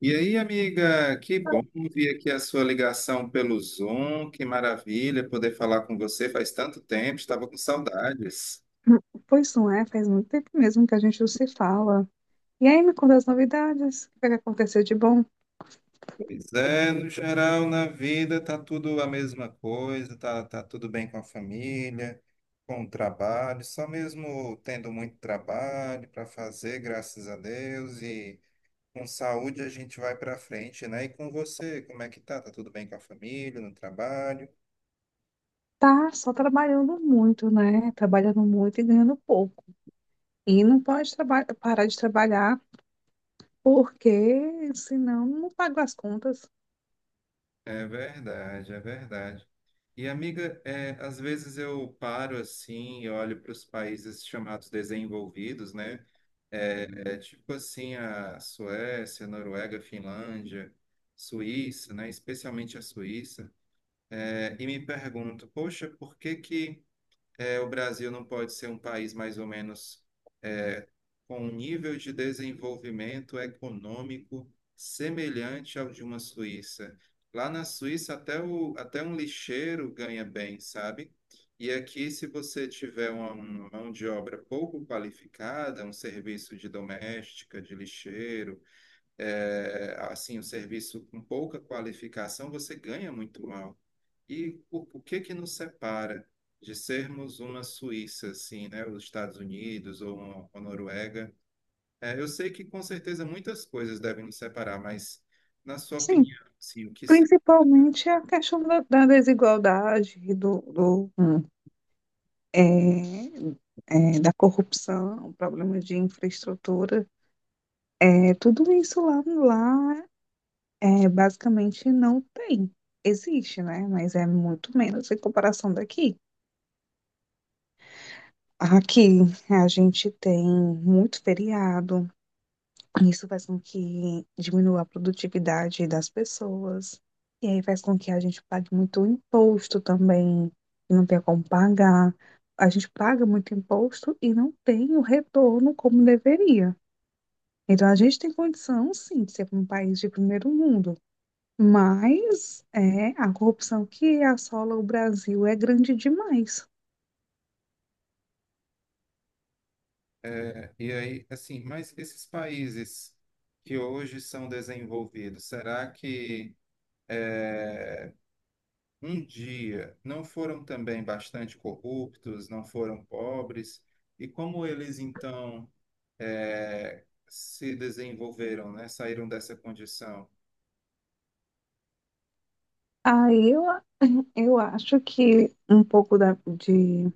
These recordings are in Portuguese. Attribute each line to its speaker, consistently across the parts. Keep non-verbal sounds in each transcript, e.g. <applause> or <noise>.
Speaker 1: E aí, amiga, que bom ver aqui a sua ligação pelo Zoom, que maravilha poder falar com você faz tanto tempo, estava com saudades.
Speaker 2: Pois não é, faz muito tempo mesmo que a gente não se fala. E aí, me conta as novidades, o que vai acontecer de bom?
Speaker 1: Pois é, no geral, na vida tá tudo a mesma coisa, tá tudo bem com a família, com o trabalho, só mesmo tendo muito trabalho para fazer, graças a Deus, e com saúde a gente vai para frente, né? E com você, como é que tá? Tá tudo bem com a família, no trabalho?
Speaker 2: Tá só trabalhando muito, né? Trabalhando muito e ganhando pouco. E não pode parar de trabalhar, porque senão não pago as contas.
Speaker 1: É verdade, é verdade. E, amiga, às vezes eu paro assim e olho para os países chamados desenvolvidos, né? É, tipo assim, a Suécia, Noruega, Finlândia, Suíça, né? Especialmente a Suíça. E me pergunto, poxa, por que que o Brasil não pode ser um país mais ou menos com um nível de desenvolvimento econômico semelhante ao de uma Suíça. Lá na Suíça, até, até um lixeiro ganha bem, sabe? E aqui, se você tiver uma mão de obra pouco qualificada, um serviço de doméstica, de lixeiro, assim, um serviço com pouca qualificação, você ganha muito mal. E o que que nos separa de sermos uma Suíça, assim, né? Os Estados Unidos ou uma Noruega? Eu sei que com certeza muitas coisas devem nos separar, mas na sua
Speaker 2: Sim,
Speaker 1: opinião, assim, o que se-
Speaker 2: principalmente a questão da desigualdade, do, é, da corrupção, problema de infraestrutura. É, tudo isso lá é, basicamente não tem. Existe, né? Mas é muito menos em comparação daqui. Aqui a gente tem muito feriado, isso faz com que diminua a produtividade das pessoas, e aí faz com que a gente pague muito imposto também, e não tem como pagar. A gente paga muito imposto e não tem o retorno como deveria. Então a gente tem condição, sim, de ser um país de primeiro mundo. Mas é, a corrupção que assola o Brasil é grande demais.
Speaker 1: e aí, assim, mas esses países que hoje são desenvolvidos, será que é, um dia não foram também bastante corruptos, não foram pobres? E como eles então se desenvolveram, né? Saíram dessa condição?
Speaker 2: Aí eu acho que um pouco da, de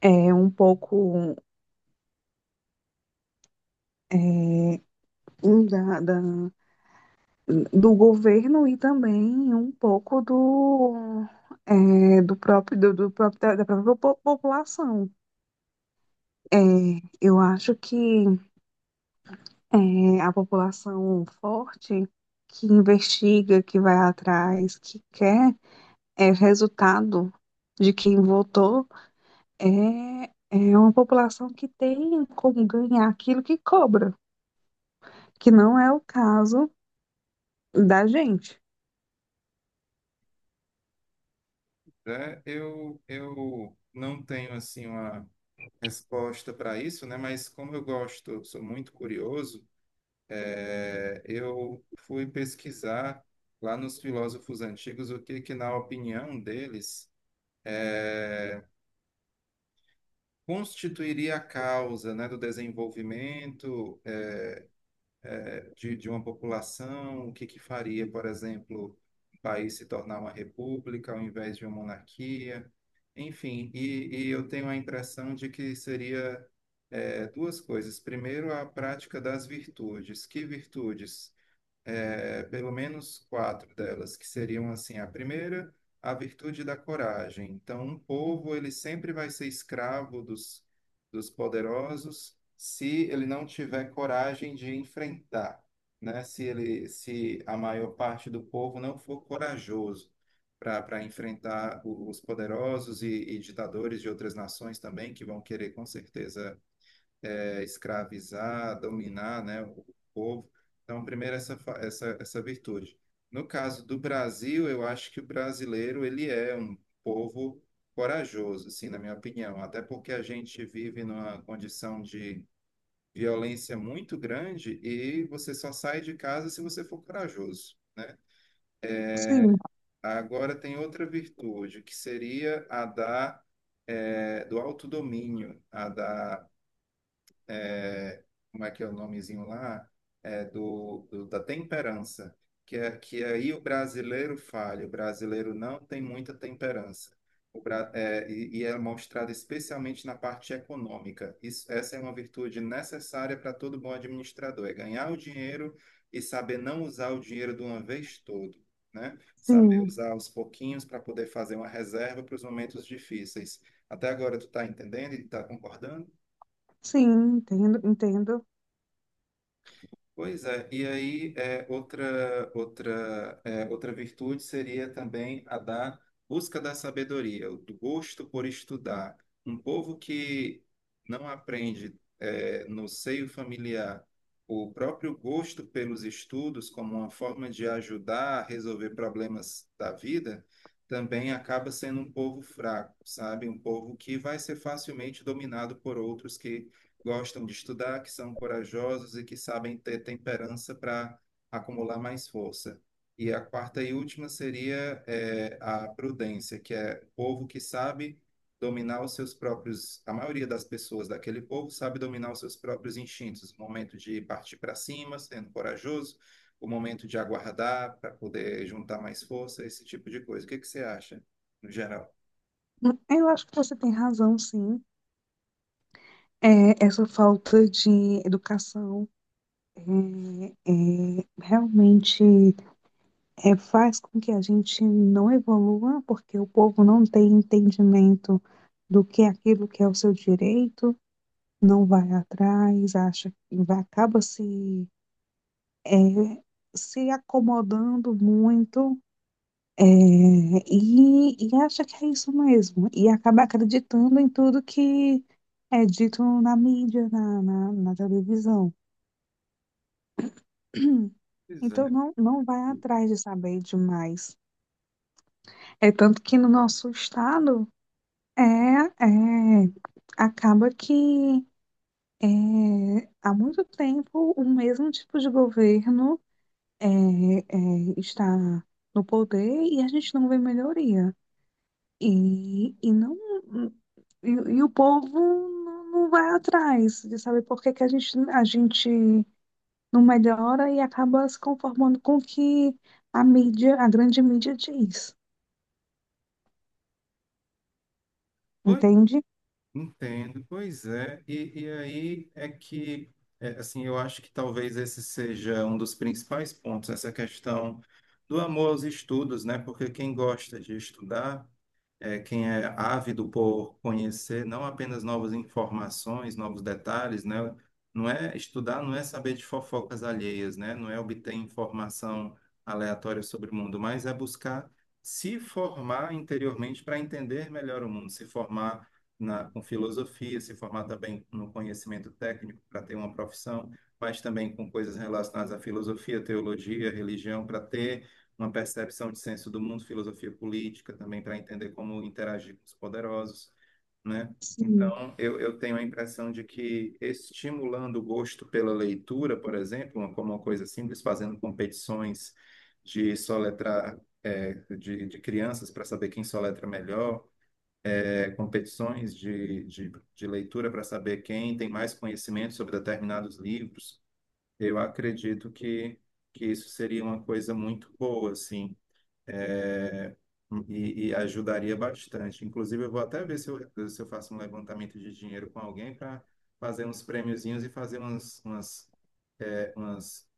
Speaker 2: é, um pouco um da, da- do governo e também um pouco do, é, do próprio, do, do próprio da, da própria po- população. É, eu acho que é, a população forte que investiga, que vai atrás, que quer é resultado de quem votou é, é uma população que tem como ganhar aquilo que cobra, que não é o caso da gente.
Speaker 1: Né? Eu não tenho assim uma resposta para isso, né? Mas como eu gosto, sou muito curioso, eu fui pesquisar lá nos filósofos antigos o que que, na opinião deles, eh, constituiria a causa, né, do desenvolvimento de uma população, o que que faria, por exemplo, o país se tornar uma república ao invés de uma monarquia, enfim, e eu tenho a impressão de que seria, duas coisas. Primeiro, a prática das virtudes. Que virtudes? Pelo menos quatro delas, que seriam assim, a primeira, a virtude da coragem. Então, um povo ele sempre vai ser escravo dos poderosos se ele não tiver coragem de enfrentar, né? Se ele, se a maior parte do povo não for corajoso para enfrentar os poderosos e ditadores de outras nações também que vão querer com certeza escravizar, dominar, né, o povo. Então, primeiro essa, essa virtude. No caso do Brasil, eu acho que o brasileiro ele é um povo corajoso, assim, na minha opinião, até porque a gente vive numa condição de violência muito grande e você só sai de casa se você for corajoso, né?
Speaker 2: Sim,
Speaker 1: Agora tem outra virtude, que seria do autodomínio, é, como é que é o nomezinho lá? Da temperança, que, é, que aí o brasileiro falha, o brasileiro não tem muita temperança. O, bra- é, e é mostrado especialmente na parte econômica. Isso, essa é uma virtude necessária para todo bom administrador, é ganhar o dinheiro e saber não usar o dinheiro de uma vez todo, né? Saber
Speaker 2: sim,
Speaker 1: usar aos pouquinhos para poder fazer uma reserva para os momentos difíceis. Até agora tu está entendendo e está concordando?
Speaker 2: sim. Entendo, entendo.
Speaker 1: Pois é. E aí, outra virtude seria também a da busca da sabedoria, o do gosto por estudar. Um povo que não aprende, no seio familiar, o próprio gosto pelos estudos como uma forma de ajudar a resolver problemas da vida, também acaba sendo um povo fraco, sabe? Um povo que vai ser facilmente dominado por outros que gostam de estudar, que são corajosos e que sabem ter temperança para acumular mais força. E a quarta e última seria, a prudência, que é o povo que sabe dominar os seus próprios, a maioria das pessoas daquele povo sabe dominar os seus próprios instintos, o momento de partir para cima, sendo corajoso, o momento de aguardar para poder juntar mais força, esse tipo de coisa. O que que você acha, no geral?
Speaker 2: Eu acho que você tem razão, sim. É, essa falta de educação é, realmente faz com que a gente não evolua, porque o povo não tem entendimento do que é aquilo que é o seu direito, não vai atrás, acha que vai, acaba é, se acomodando muito, e acha que é isso mesmo, e acaba acreditando em tudo que é dito na mídia, na televisão. <clears throat>
Speaker 1: Pois é.
Speaker 2: Então não, não vai atrás de saber demais. É tanto que no nosso estado é, é acaba que é, há muito tempo o mesmo tipo de governo é, está no poder e a gente não vê melhoria. E, e não e o povo não vai atrás de saber por que que a gente não melhora e acaba se conformando com o que a mídia, a grande mídia diz,
Speaker 1: Pois
Speaker 2: entende?
Speaker 1: Entendo, pois é. E aí é que, assim, eu acho que talvez esse seja um dos principais pontos, essa questão do amor aos estudos, né? Porque quem gosta de estudar, quem é ávido por conhecer não apenas novas informações, novos detalhes, né? Não é estudar, não é saber de fofocas alheias, né? Não é obter informação aleatória sobre o mundo, mas é buscar se formar interiormente para entender melhor o mundo, se formar na, com filosofia, se formar também no conhecimento técnico para ter uma profissão, mas também com coisas relacionadas à filosofia, teologia, religião, para ter uma percepção de senso do mundo, filosofia política também para entender como interagir com os poderosos, né?
Speaker 2: Sim.
Speaker 1: Então, eu tenho a impressão de que estimulando o gosto pela leitura, por exemplo, como uma coisa simples, fazendo competições de soletrar, é, de crianças para saber quem soletra melhor, é, competições de leitura para saber quem tem mais conhecimento sobre determinados livros, eu acredito que isso seria uma coisa muito boa, assim, é, e ajudaria bastante. Inclusive, eu vou até ver se eu faço um levantamento de dinheiro com alguém para fazer uns prêmiozinhos e fazer é, umas-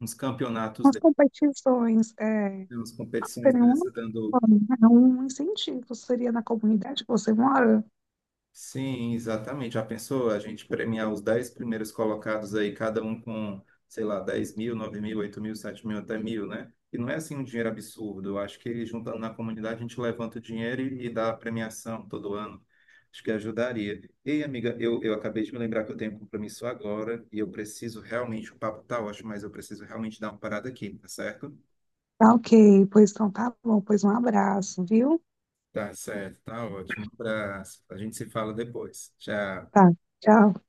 Speaker 1: uns campeonatos,
Speaker 2: As
Speaker 1: dessas,
Speaker 2: competições é,
Speaker 1: umas competições
Speaker 2: seriam uma
Speaker 1: dessas, dando.
Speaker 2: forma, é um incentivo, seria na comunidade que você mora.
Speaker 1: Sim, exatamente. Já pensou a gente premiar os 10 primeiros colocados aí, cada um com, sei lá, 10 mil, 9 mil, 8 mil, 7 mil, até 1 mil, né? E não é assim um dinheiro absurdo. Eu acho que juntando na comunidade a gente levanta o dinheiro e dá a premiação todo ano. Acho que ajudaria. Ei, amiga, eu acabei de me lembrar que eu tenho um compromisso agora e eu preciso realmente, o papo tá ótimo, mas eu preciso realmente dar uma parada aqui, tá certo?
Speaker 2: Tá, ok, pois então tá bom, pois um abraço, viu?
Speaker 1: Tá certo, tá ótimo. Um abraço. A gente se fala depois. Tchau.
Speaker 2: Tá, tchau.